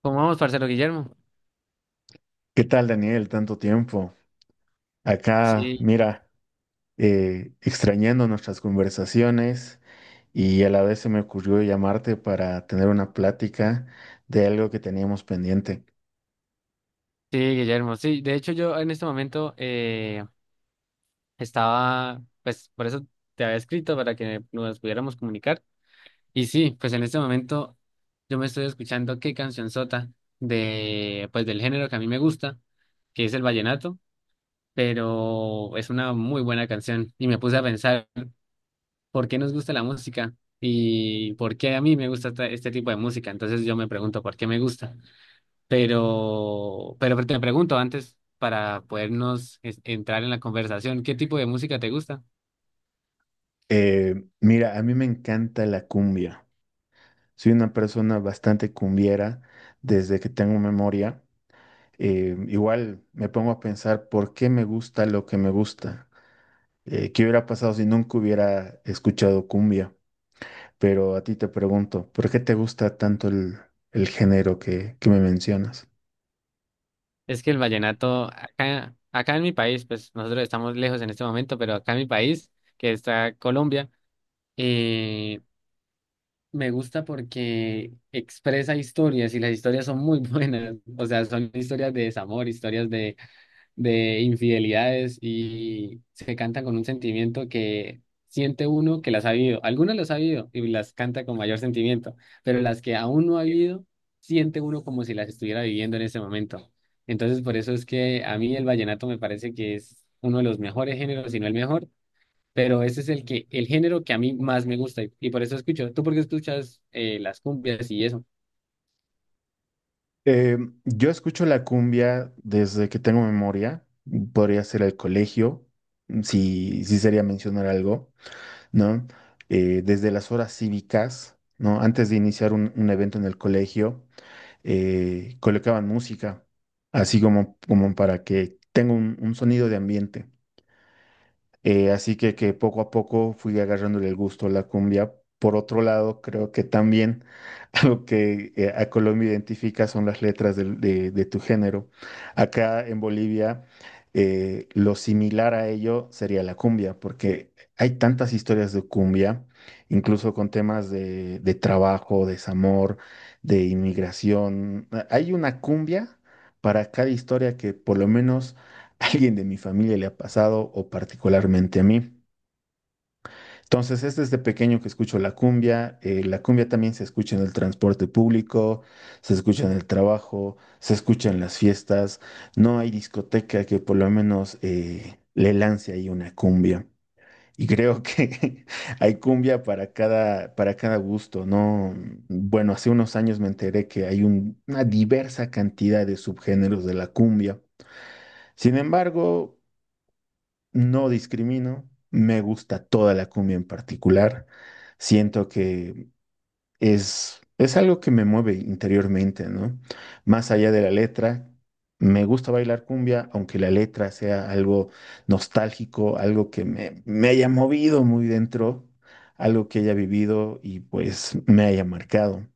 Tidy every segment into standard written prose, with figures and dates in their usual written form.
¿Cómo vamos, parcero Guillermo? ¿Qué tal, Daniel? Tanto tiempo. Acá, Sí, mira, extrañando nuestras conversaciones y a la vez se me ocurrió llamarte para tener una plática de algo que teníamos pendiente. sí, Guillermo. Sí, de hecho yo en este momento estaba, pues por eso te había escrito para que nos pudiéramos comunicar. Y sí, pues en este momento yo me estoy escuchando qué canción sota de, pues del género que a mí me gusta, que es el vallenato, pero es una muy buena canción. Y me puse a pensar por qué nos gusta la música y por qué a mí me gusta este tipo de música. Entonces yo me pregunto por qué me gusta. Pero te pregunto antes para podernos entrar en la conversación, ¿qué tipo de música te gusta? Mira, a mí me encanta la cumbia. Soy una persona bastante cumbiera desde que tengo memoria. Igual me pongo a pensar por qué me gusta lo que me gusta. ¿Qué hubiera pasado si nunca hubiera escuchado cumbia? Pero a ti te pregunto, ¿por qué te gusta tanto el género que me mencionas? Es que el vallenato, acá en mi país, pues nosotros estamos lejos en este momento, pero acá en mi país, que está Colombia, eh, me gusta porque expresa historias y las historias son muy buenas. O sea, son historias de desamor, historias de infidelidades y se cantan con un sentimiento que siente uno que las ha vivido. Algunas las ha vivido y las canta con mayor sentimiento, pero las que aún no ha vivido siente uno como si las estuviera viviendo en ese momento. Entonces, por eso es que a mí el vallenato me parece que es uno de los mejores géneros, si no el mejor, pero ese es el que, el género que a mí más me gusta y por eso escucho. ¿Tú por qué escuchas las cumbias y eso? Eh, yo escucho la cumbia desde que tengo memoria, podría ser el colegio, si sería mencionar algo, ¿no? Desde las horas cívicas, ¿no? Antes de iniciar un evento en el colegio, colocaban música, así como, como para que tenga un sonido de ambiente. Así que poco a poco fui agarrándole el gusto a la cumbia. Por otro lado, creo que también algo que a Colombia identifica son las letras de tu género. Acá en Bolivia, lo similar a ello sería la cumbia, porque hay tantas historias de cumbia, incluso con temas de trabajo, desamor, de inmigración. Hay una cumbia para cada historia que por lo menos a alguien de mi familia le ha pasado o particularmente a mí. Entonces, es desde pequeño que escucho la cumbia. La cumbia también se escucha en el transporte público, se escucha en el trabajo, se escucha en las fiestas. No hay discoteca que por lo menos le lance ahí una cumbia. Y creo que hay cumbia para cada gusto, ¿no? Bueno, hace unos años me enteré que hay una diversa cantidad de subgéneros de la cumbia. Sin embargo, no discrimino, me gusta toda la cumbia en particular. Siento que es algo que me mueve interiormente, ¿no? Más allá de la letra, me gusta bailar cumbia, aunque la letra sea algo nostálgico, algo que me haya movido muy dentro, algo que haya vivido y pues me haya marcado.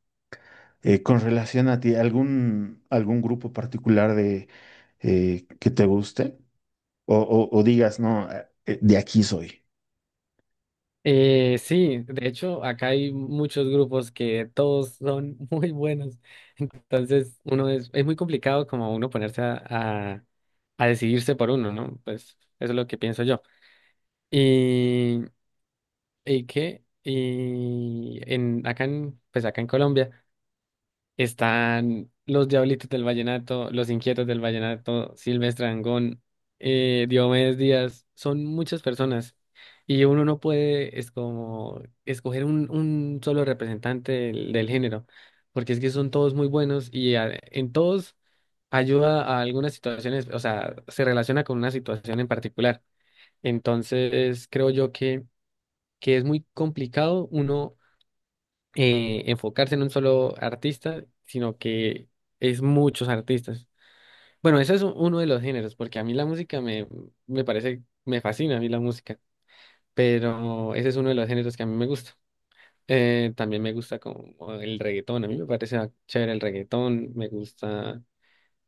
Con relación a ti, ¿algún, algún grupo particular de, que te guste? O digas, no, de aquí soy. Sí, de hecho, acá hay muchos grupos que todos son muy buenos. Entonces, uno es muy complicado como uno ponerse a decidirse por uno, ¿no? Pues eso es lo que pienso yo. Y, y qué, y en acá en, pues acá en Colombia. Están los Diablitos del Vallenato, los Inquietos del Vallenato, Silvestre Dangond, Diomedes Díaz, son muchas personas y uno no puede es como escoger un solo representante del, del género, porque es que son todos muy buenos y en todos ayuda a algunas situaciones, o sea, se relaciona con una situación en particular. Entonces, creo yo que es muy complicado uno enfocarse en un solo artista, sino que es muchos artistas. Bueno, eso es uno de los géneros, porque a mí la música me, me parece, me fascina a mí la música, pero ese es uno de los géneros que a mí me gusta. También me gusta como el reggaetón, a mí me parece chévere el reggaetón, me gusta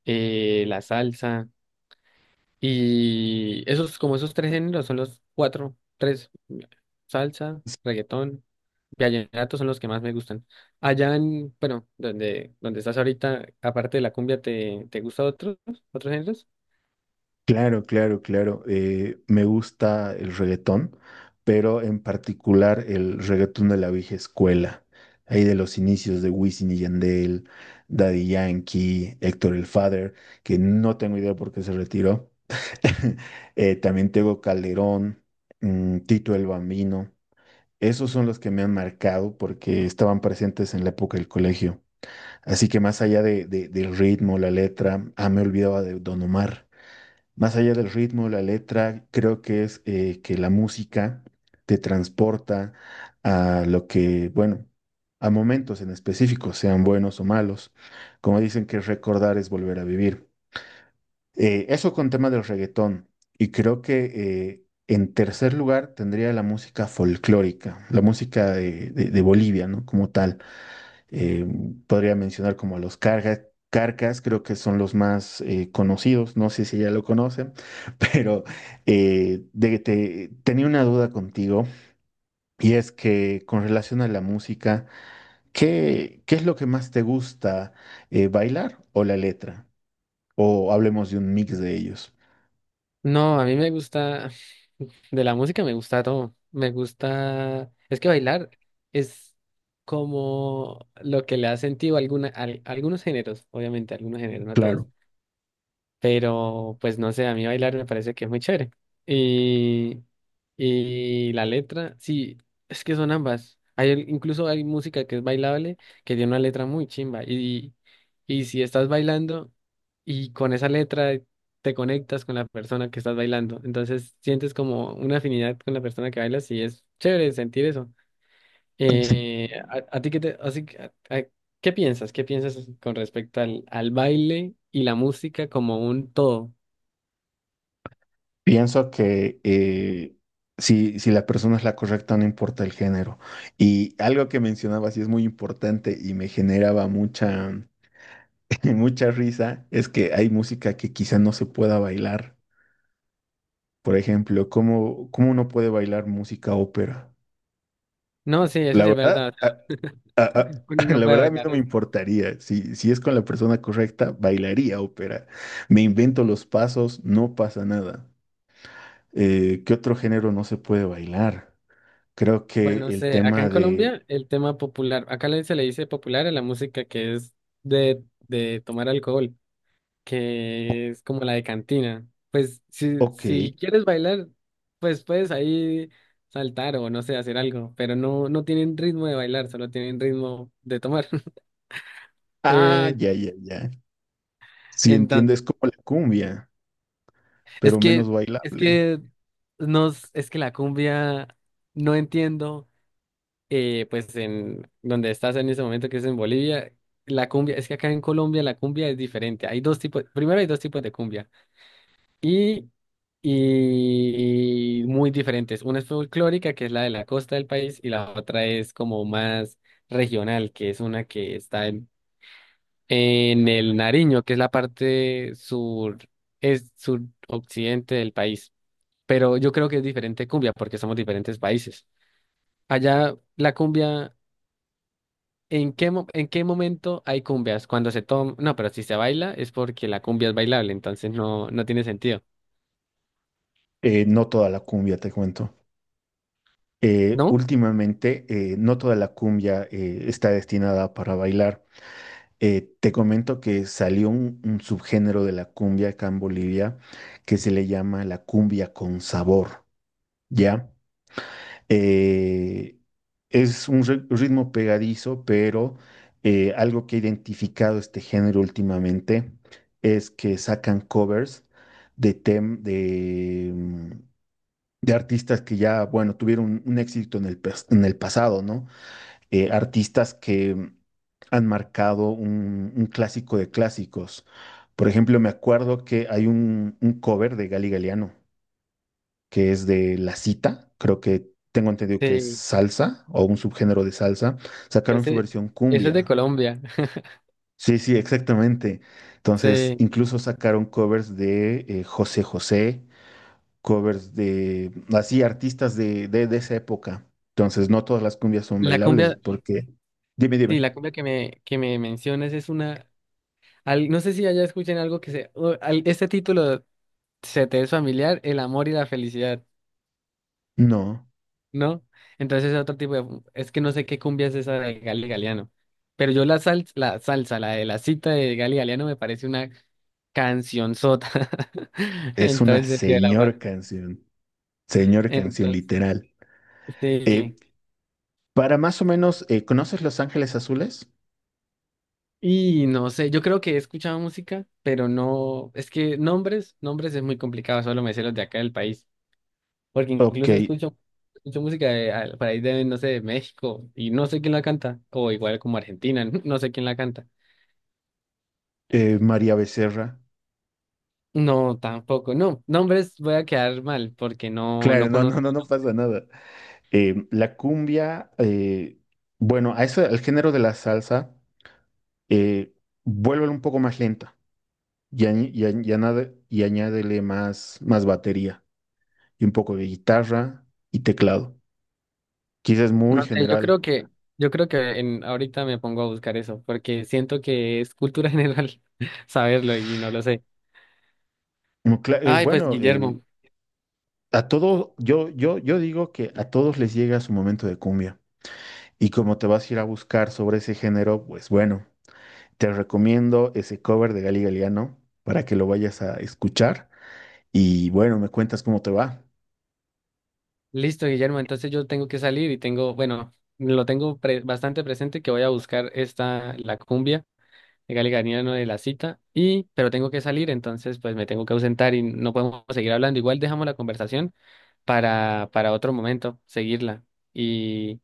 la salsa y esos, como esos tres géneros son los cuatro, tres, salsa, reggaetón. Vallenatos son los que más me gustan. Allá en, bueno, donde, donde estás ahorita, aparte de la cumbia, ¿te, te gusta otros, otros géneros? Claro, claro, claro. Me gusta el reggaetón, pero en particular el reggaetón de la vieja escuela, ahí de los inicios de Wisin y Yandel, Daddy Yankee, Héctor el Father, que no tengo idea por qué se retiró. También tengo Calderón, mm, Tito el Bambino. Esos son los que me han marcado porque estaban presentes en la época del colegio. Así que más allá del ritmo, la letra, ah, me olvidaba de Don Omar. Más allá del ritmo, la letra, creo que es que la música te transporta a lo que, bueno, a momentos en específico, sean buenos o malos. Como dicen que recordar es volver a vivir. Eso con tema del reggaetón. Y creo que en tercer lugar tendría la música folclórica, la música de Bolivia, ¿no? Como tal. Eh, Podría mencionar como a los cargas, Carcas, creo que son los más conocidos, no sé si ya lo conocen, pero tenía una duda contigo y es que con relación a la música, ¿qué, qué es lo que más te gusta, bailar o la letra? O hablemos de un mix de ellos. No, a mí me gusta, de la música me gusta todo. Me gusta, es que bailar es como lo que le ha sentido alguna, algunos géneros, obviamente, algunos géneros, no a todos. Claro. Pero pues no sé, a mí bailar me parece que es muy chévere. Y, y la letra, sí, es que son ambas. Hay, incluso hay música que es bailable, que tiene una letra muy chimba. Y si estás bailando y con esa letra te conectas con la persona que estás bailando, entonces sientes como una afinidad con la persona que bailas y es chévere sentir eso. A ti qué te, así que, a- ¿qué piensas? ¿Qué piensas con respecto al, al baile y la música como un todo? Pienso que si, si la persona es la correcta, no importa el género. Y algo que mencionabas y es muy importante y me generaba mucha risa, es que hay música que quizá no se pueda bailar. Por ejemplo, ¿cómo, cómo uno puede bailar música ópera? No, sí, eso La sí es verdad, verdad. O sea, a- uno no la puede verdad a mí no bailar me eso. importaría. Si, si es con la persona correcta, bailaría ópera. Me invento los pasos, no pasa nada. ¿Qué otro género no se puede bailar? Creo que Bueno, no el sé, acá tema en de, Colombia el tema popular, acá se le dice popular a la música que es de tomar alcohol, que es como la de cantina. Pues si, ok, si quieres bailar, pues puedes ahí saltar o no sé, hacer algo, pero no, no tienen ritmo de bailar, solo tienen ritmo de tomar. ah, Eh, ya, ya, ya. Si entonces, entiendes como la cumbia, es pero que, menos es bailable. que nos, es que la cumbia, no entiendo, pues en donde estás en ese momento que es en Bolivia, la cumbia, es que acá en Colombia la cumbia es diferente. Hay dos tipos, primero hay dos tipos de cumbia y, y muy diferentes. Una es folclórica, que es la de la costa del país, y la otra es como más regional, que es una que está en el Nariño, que es la parte sur, es suroccidente del país. Pero yo creo que es diferente cumbia porque somos diferentes países. Allá la cumbia, ¿en qué, en qué momento hay cumbias? Cuando se toma, no, pero si se baila es porque la cumbia es bailable, entonces no, no tiene sentido, No toda la cumbia, te cuento. ¿No? Últimamente, no toda la cumbia está destinada para bailar. Te comento que salió un subgénero de la cumbia acá en Bolivia que se le llama la cumbia con sabor, ¿ya? Eh, es un ritmo pegadizo, pero algo que ha identificado este género últimamente es que sacan covers de, tem- de, mm, de artistas que ya, bueno, tuvieron un éxito en el, en el pasado, ¿no? Artistas que mm, han marcado un clásico de clásicos. Por ejemplo, me acuerdo que hay un cover de Gali Galiano que es de la cita, creo que tengo entendido que es Sí, salsa o un subgénero de salsa, sacaron su ese, versión eso es de cumbia. Colombia. Sí, sí, exactamente. Entonces, Sí, incluso sacaron covers de José José, covers de, así, artistas de esa época. Entonces, no todas las cumbias son la bailables cumbia, porque, dime, sí, dime, la cumbia que me mencionas es una, no sé si allá escuchen algo que se, o este título se te es familiar el amor y la felicidad, no, ¿no? Entonces es otro tipo de, es que no sé qué cumbia es esa de Gali Galeano, pero yo la sal, la salsa, la de la cita de Gali Galeano me parece una cancionzota es en todo una el sentido de la palabra. Señor canción Entonces, literal. Eh, sí. para más o menos, ¿conoces Los Ángeles Azules? Y no sé, yo creo que he escuchado música, pero no, es que nombres es muy complicado, solo me sé los de acá del país. Porque Ok, incluso escucho, escucho música de, por ahí de, no sé, de México y no sé quién la canta. O igual como Argentina, no sé quién la canta. María Becerra. No, tampoco. No, nombres voy a quedar mal porque no, Claro, no no, no, conozco. no, no pasa nada. La cumbia, bueno, a eso, al género de la salsa, eh, vuélvelo un poco más lenta y, añádele más, más batería y un poco de guitarra y teclado. Quizás es muy No sé, yo general. creo que, yo creo que en, ahorita me pongo a buscar eso porque siento que es cultura general saberlo y no lo sé. Mm, Ay, pues bueno, Guillermo. a todos, yo digo que a todos les llega su momento de cumbia. Y como te vas a ir a buscar sobre ese género, pues bueno. Te recomiendo ese cover de Gali Galiano para que lo vayas a escuchar y bueno, me cuentas cómo te va. Listo, Guillermo. Entonces yo tengo que salir y tengo, bueno, lo tengo bastante presente que voy a buscar esta, la cumbia. Legal y ganiano de la cita, y, pero tengo que salir, entonces pues me tengo que ausentar y no podemos seguir hablando. Igual dejamos la conversación para otro momento, seguirla. Y,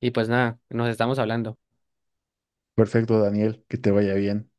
y pues nada, nos estamos hablando. Perfecto, Daniel, que te vaya bien.